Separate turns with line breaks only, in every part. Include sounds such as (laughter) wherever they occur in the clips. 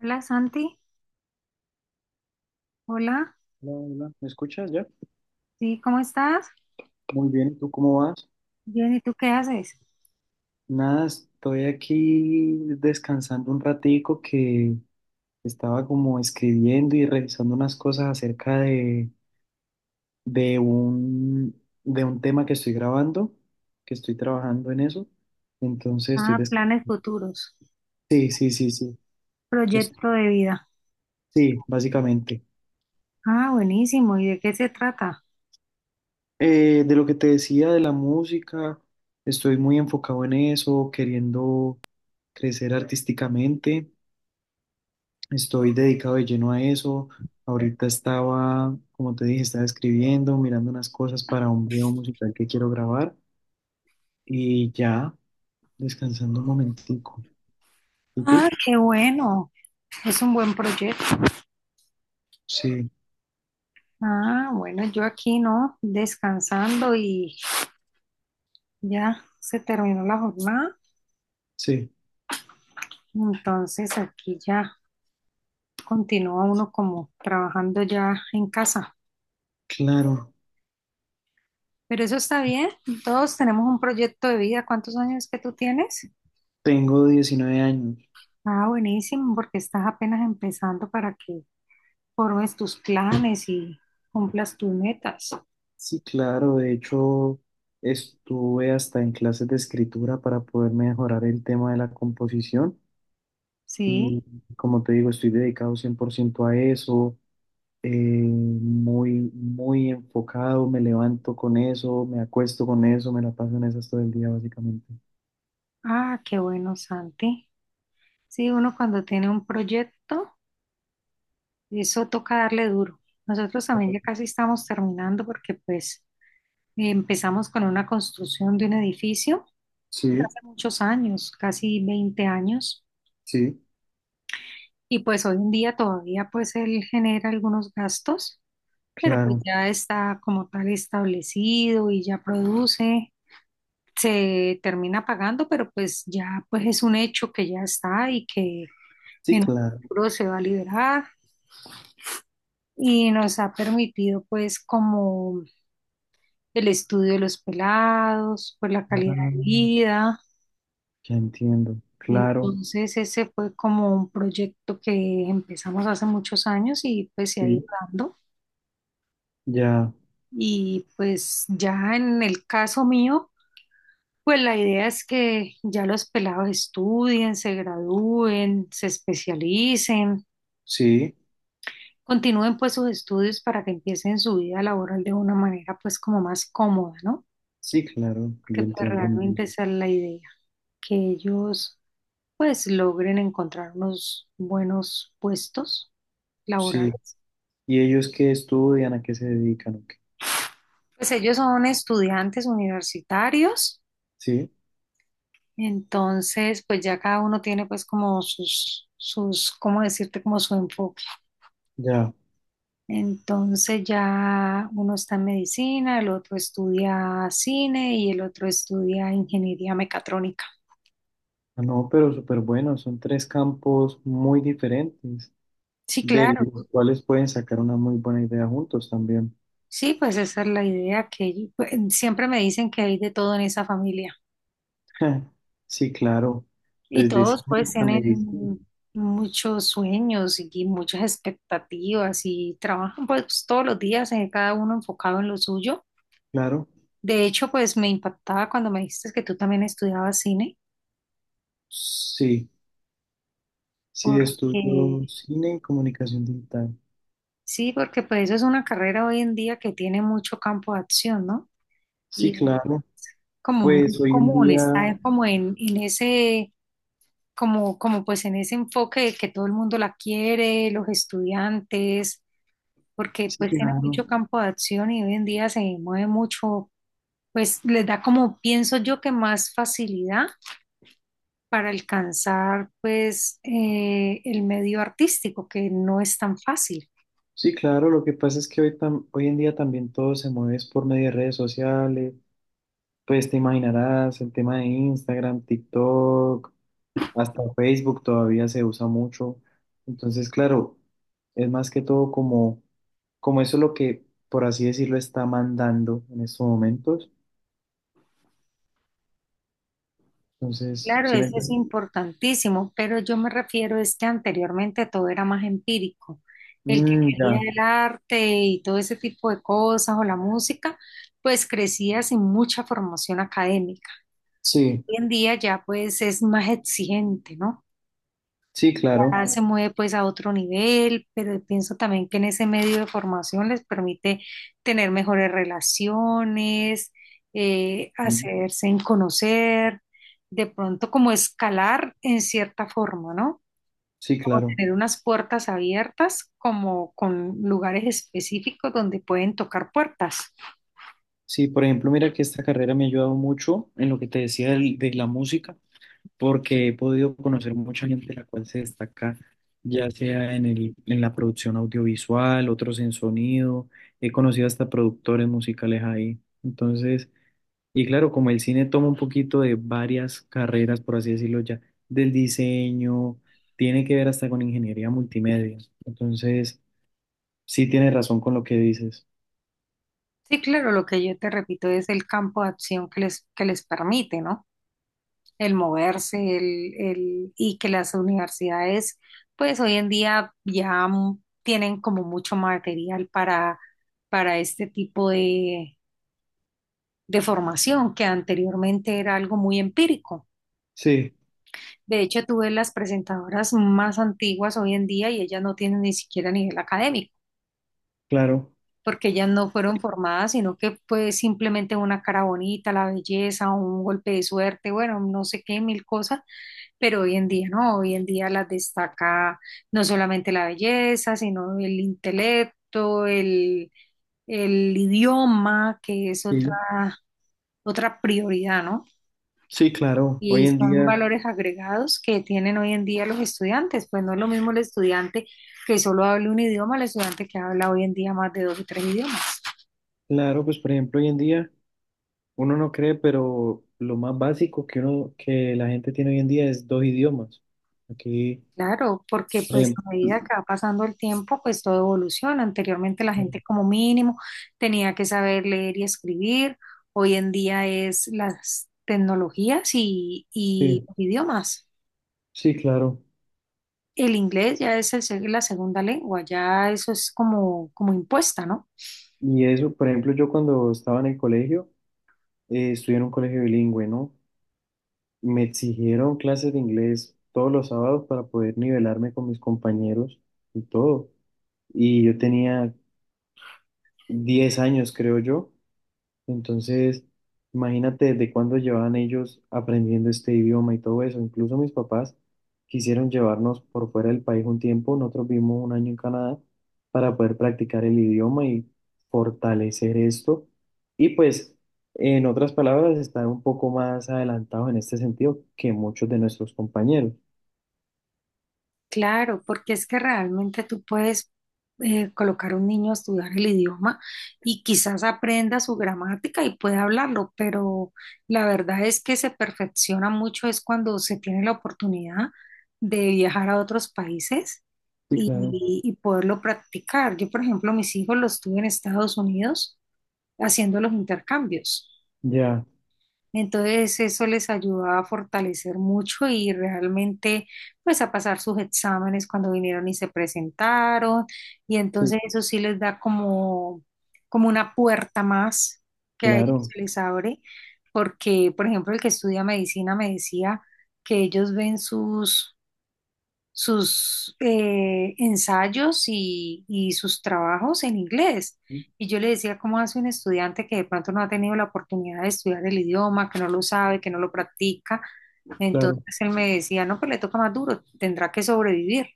Hola Santi, hola,
Hola, hola, ¿me escuchas ya?
sí, ¿cómo estás?
Muy bien, ¿y tú cómo vas?
Bien, ¿y tú qué haces?
Nada, estoy aquí descansando un ratico que estaba como escribiendo y revisando unas cosas acerca de un tema que estoy grabando, que estoy trabajando en eso. Entonces estoy
Ah,
des-
planes futuros,
Sí, sí, sí, sí. Es-
proyecto de vida.
sí, básicamente.
Ah, buenísimo, ¿y de qué se trata?
De lo que te decía de la música, estoy muy enfocado en eso, queriendo crecer artísticamente. Estoy dedicado de lleno a eso. Ahorita estaba, como te dije, estaba escribiendo, mirando unas cosas para un video musical que quiero grabar y ya descansando un momentico. ¿Y
Ah,
tú?
qué bueno, es un buen proyecto.
Sí,
Ah, bueno, yo aquí no, descansando y ya se terminó la jornada,
sí,
entonces aquí ya continúa uno como trabajando ya en casa.
claro.
Pero eso está bien, todos tenemos un proyecto de vida. ¿Cuántos años que tú tienes?
Tengo 19 años.
Ah, buenísimo, porque estás apenas empezando para que formes tus planes y cumplas tus metas.
Sí, claro. De hecho, estuve hasta en clases de escritura para poder mejorar el tema de la composición
Sí.
y como te digo, estoy dedicado 100% a eso. Muy, muy enfocado, me levanto con eso, me acuesto con eso, me la paso en esas todo el día, básicamente.
Ah, qué bueno, Santi. Sí, uno cuando tiene un proyecto, eso toca darle duro. Nosotros también ya casi estamos terminando porque pues empezamos con una construcción de un edificio desde
Sí,
hace muchos años, casi 20 años,
sí,
y pues hoy en día todavía pues él genera algunos gastos, pero pues
claro,
ya está como tal establecido y ya produce, se termina pagando, pero pues ya pues es un hecho que ya está y que
sí,
en un
claro,
futuro se va a liberar y nos ha permitido pues como el estudio de los pelados, pues la calidad
ah,
de vida.
ya entiendo, claro,
Entonces ese fue como un proyecto que empezamos hace muchos años y pues se ha ido
sí,
dando.
ya,
Y pues ya en el caso mío, pues la idea es que ya los pelados estudien, se gradúen, se especialicen,
sí,
continúen pues sus estudios para que empiecen su vida laboral de una manera pues como más cómoda, ¿no?
sí, claro,
Porque
yo
pues
entiendo.
realmente esa es la idea, que ellos pues logren encontrar unos buenos puestos
Sí,
laborales.
¿y ellos qué estudian, a qué se dedican o qué?
Pues ellos son estudiantes universitarios,
Sí,
entonces pues ya cada uno tiene pues como sus ¿cómo decirte? Como su enfoque.
ya.
Entonces ya uno está en medicina, el otro estudia cine y el otro estudia ingeniería mecatrónica.
Ah, no, pero súper bueno, son tres campos muy diferentes,
Sí,
de
claro.
sí, los cuales pueden sacar una muy buena idea juntos también.
Sí, pues esa es la idea, que pues siempre me dicen que hay de todo en esa familia.
(laughs) Sí, claro.
Y
Desde
todos
cine
pues
hasta medicina,
tienen muchos sueños y muchas expectativas y trabajan pues todos los días, cada uno enfocado en lo suyo.
claro.
De hecho, pues me impactaba cuando me dijiste que tú también estudiabas cine,
Sí, sí,
porque
estudio cine y comunicación digital.
sí, porque pues eso es una carrera hoy en día que tiene mucho campo de acción, ¿no?
Sí,
Y es
claro.
como muy
Pues hoy en
común,
día,
está como en ese, como pues en ese enfoque de que todo el mundo la quiere, los estudiantes, porque
sí,
pues tiene
claro.
mucho campo de acción y hoy en día se mueve mucho, pues les da como, pienso yo, que más facilidad para alcanzar pues el medio artístico, que no es tan fácil.
Sí, claro. Lo que pasa es que hoy, tam- hoy en día también todo se mueve es por medio de redes sociales. Pues te imaginarás el tema de Instagram, TikTok. Hasta Facebook todavía se usa mucho. Entonces, claro, es más que todo como, como eso es lo que, por así decirlo, está mandando en estos momentos. Entonces,
Claro,
¿sí me
eso es
entiendes?
importantísimo, pero yo me refiero es que anteriormente todo era más empírico. El que
Mm,
quería
ya.
el arte y todo ese tipo de cosas o la música, pues crecía sin mucha formación académica.
Sí,
Hoy en día ya pues es más exigente, ¿no?
sí, claro.
Ya se mueve pues a otro nivel, pero pienso también que en ese medio de formación les permite tener mejores relaciones,
Sí,
hacerse en conocer, de pronto como escalar en cierta forma, ¿no?
sí,
Como
claro.
tener unas puertas abiertas, como con lugares específicos donde pueden tocar puertas.
Sí, por ejemplo, mira que esta carrera me ha ayudado mucho en lo que te decía de la música. Porque he podido conocer mucha gente la cual se destaca, ya sea en la producción audiovisual, otros en sonido, he conocido hasta productores musicales ahí. Entonces, y claro, como el cine toma un poquito de varias carreras, por así decirlo ya, del diseño, tiene que ver hasta con ingeniería multimedia. Entonces, sí tienes razón con lo que dices.
Sí, claro, lo que yo te repito es el campo de acción que les permite, ¿no? El moverse, el, y que las universidades pues hoy en día ya tienen como mucho material para este tipo de formación, que anteriormente era algo muy empírico.
Sí,
De hecho, tú ves las presentadoras más antiguas hoy en día y ellas no tienen ni siquiera nivel académico,
claro.
porque ellas no fueron formadas, sino que pues simplemente una cara bonita, la belleza, un golpe de suerte, bueno, no sé qué, mil cosas. Pero hoy en día no, hoy en día las destaca no solamente la belleza, sino el intelecto, el idioma, que es otra,
Sí,
otra prioridad, ¿no?
sí, claro.
Y
Hoy en
son
día,
valores agregados que tienen hoy en día los estudiantes, pues no es lo mismo el estudiante que solo hable un idioma al estudiante que habla hoy en día más de dos o tres idiomas.
claro, pues por ejemplo, hoy en día... Uno no cree, pero lo más básico que uno, que la gente tiene hoy en día es dos idiomas. Aquí,
Claro, porque
por
pues
ejemplo,
a medida que va pasando el tiempo, pues todo evoluciona. Anteriormente la gente como mínimo tenía que saber leer y escribir. Hoy en día es las tecnologías y
sí,
los idiomas.
sí, claro.
El inglés ya es el la segunda lengua, ya eso es como, como impuesta, ¿no?
Y eso, por ejemplo, yo cuando estaba en el colegio, estudié en un colegio bilingüe, ¿no? Me exigieron clases de inglés todos los sábados para poder nivelarme con mis compañeros y todo. Y yo tenía 10 años, creo yo. Entonces, imagínate desde cuándo llevaban ellos aprendiendo este idioma y todo eso. Incluso mis papás quisieron llevarnos por fuera del país un tiempo. Nosotros vivimos 1 año en Canadá para poder practicar el idioma y fortalecer esto. Y pues, en otras palabras, estar un poco más adelantados en este sentido que muchos de nuestros compañeros.
Claro, porque es que realmente tú puedes colocar a un niño a estudiar el idioma y quizás aprenda su gramática y pueda hablarlo, pero la verdad es que se perfecciona mucho es cuando se tiene la oportunidad de viajar a otros países
Sí,
y,
claro.
y poderlo practicar. Yo, por ejemplo, mis hijos los tuve en Estados Unidos haciendo los intercambios.
Ya,
Entonces eso les ayudaba a fortalecer mucho y realmente pues a pasar sus exámenes cuando vinieron y se presentaron, y
sí,
entonces eso sí les da como, como una puerta más que a ellos
claro,
se les abre, porque por ejemplo el que estudia medicina me decía que ellos ven sus ensayos y sus trabajos en inglés. Y yo le decía, ¿cómo hace un estudiante que de pronto no ha tenido la oportunidad de estudiar el idioma, que no lo sabe, que no lo practica? Entonces
claro.
él me decía, no, pues le toca más duro, tendrá que sobrevivir,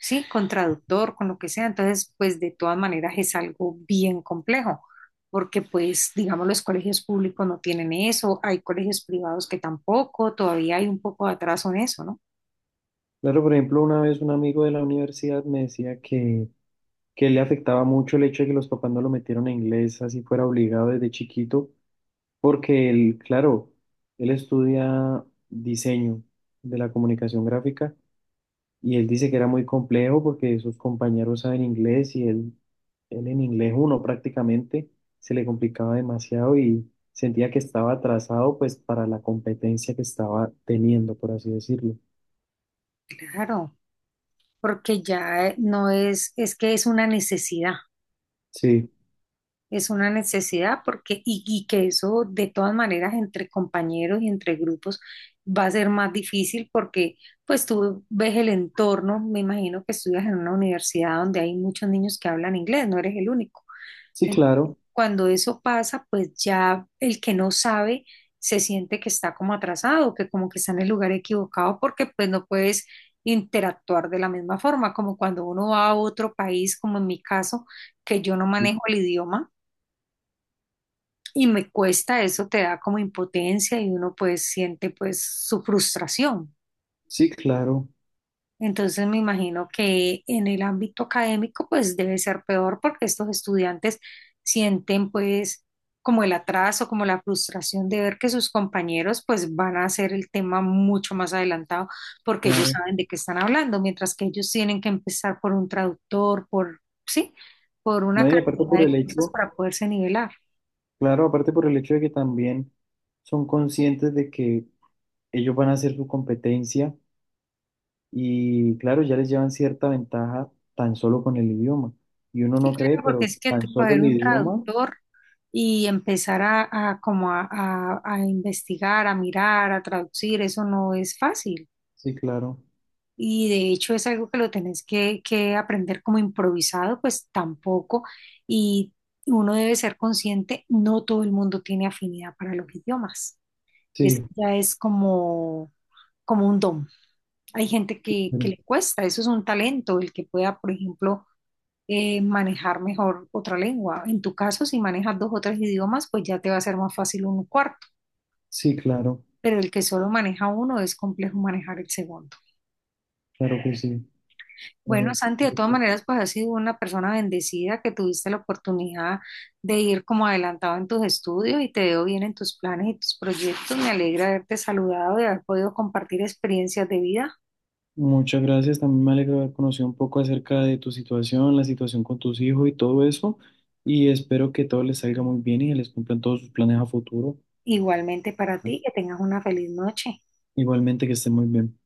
¿sí? Con traductor, con lo que sea. Entonces, pues de todas maneras es algo bien complejo, porque pues, digamos, los colegios públicos no tienen eso, hay colegios privados que tampoco, todavía hay un poco de atraso en eso, ¿no?
Claro, por ejemplo, una vez un amigo de la universidad me decía que le afectaba mucho el hecho de que los papás no lo metieron a inglés, así fuera obligado desde chiquito, porque él, claro, él estudia diseño de la comunicación gráfica y él dice que era muy complejo porque sus compañeros saben inglés y él en inglés uno prácticamente se le complicaba demasiado y sentía que estaba atrasado pues para la competencia que estaba teniendo, por así decirlo.
Claro, porque ya no es, es que
Sí,
es una necesidad porque, y que eso de todas maneras entre compañeros y entre grupos va a ser más difícil porque pues tú ves el entorno, me imagino que estudias en una universidad donde hay muchos niños que hablan inglés, no eres el único.
sí, claro,
Cuando eso pasa, pues ya el que no sabe se siente que está como atrasado, que como que está en el lugar equivocado porque pues no puedes interactuar de la misma forma, como cuando uno va a otro país, como en mi caso, que yo no manejo el idioma y me cuesta, eso te da como impotencia y uno pues siente pues su frustración.
sí, claro,
Entonces me imagino que en el ámbito académico pues debe ser peor porque estos estudiantes sienten pues como el atraso, como la frustración de ver que sus compañeros pues van a hacer el tema mucho más adelantado porque ellos
claro.
saben de qué están hablando, mientras que ellos tienen que empezar por un traductor, por, sí, por
No,
una
y aparte
cantidad
por
de
el
cosas
hecho
para poderse nivelar.
claro, aparte por el hecho de que también son conscientes de que ellos van a hacer su competencia y claro, ya les llevan cierta ventaja tan solo con el idioma. Y uno
Sí,
no cree,
claro, porque
pero
es que
tan solo
coger
el
un
idioma,
traductor y empezar a como a investigar, a mirar, a traducir, eso no es fácil.
sí, claro.
Y de hecho es algo que lo tenés que aprender como improvisado, pues tampoco. Y uno debe ser consciente, no todo el mundo tiene afinidad para los idiomas. Eso
Sí,
ya es como, como un don. Hay gente que
pero-
le cuesta, eso es un talento, el que pueda, por ejemplo, manejar mejor otra lengua. En tu caso, si manejas dos o tres idiomas, pues ya te va a ser más fácil un cuarto.
sí, claro,
Pero el que solo maneja uno es complejo manejar el segundo.
claro que sí.
Bueno,
Eh,
Santi, de todas maneras, pues has sido una persona bendecida que tuviste la oportunidad de ir como adelantado en tus estudios y te veo bien en tus planes y tus proyectos. Me alegra haberte saludado y haber podido compartir experiencias de vida.
Muchas gracias, también me alegra haber conocido un poco acerca de tu situación, la situación con tus hijos y todo eso. Y espero que todo les salga muy bien y que les cumplan todos sus planes a futuro.
Igualmente para ti, que tengas una feliz noche.
Igualmente que estén muy bien.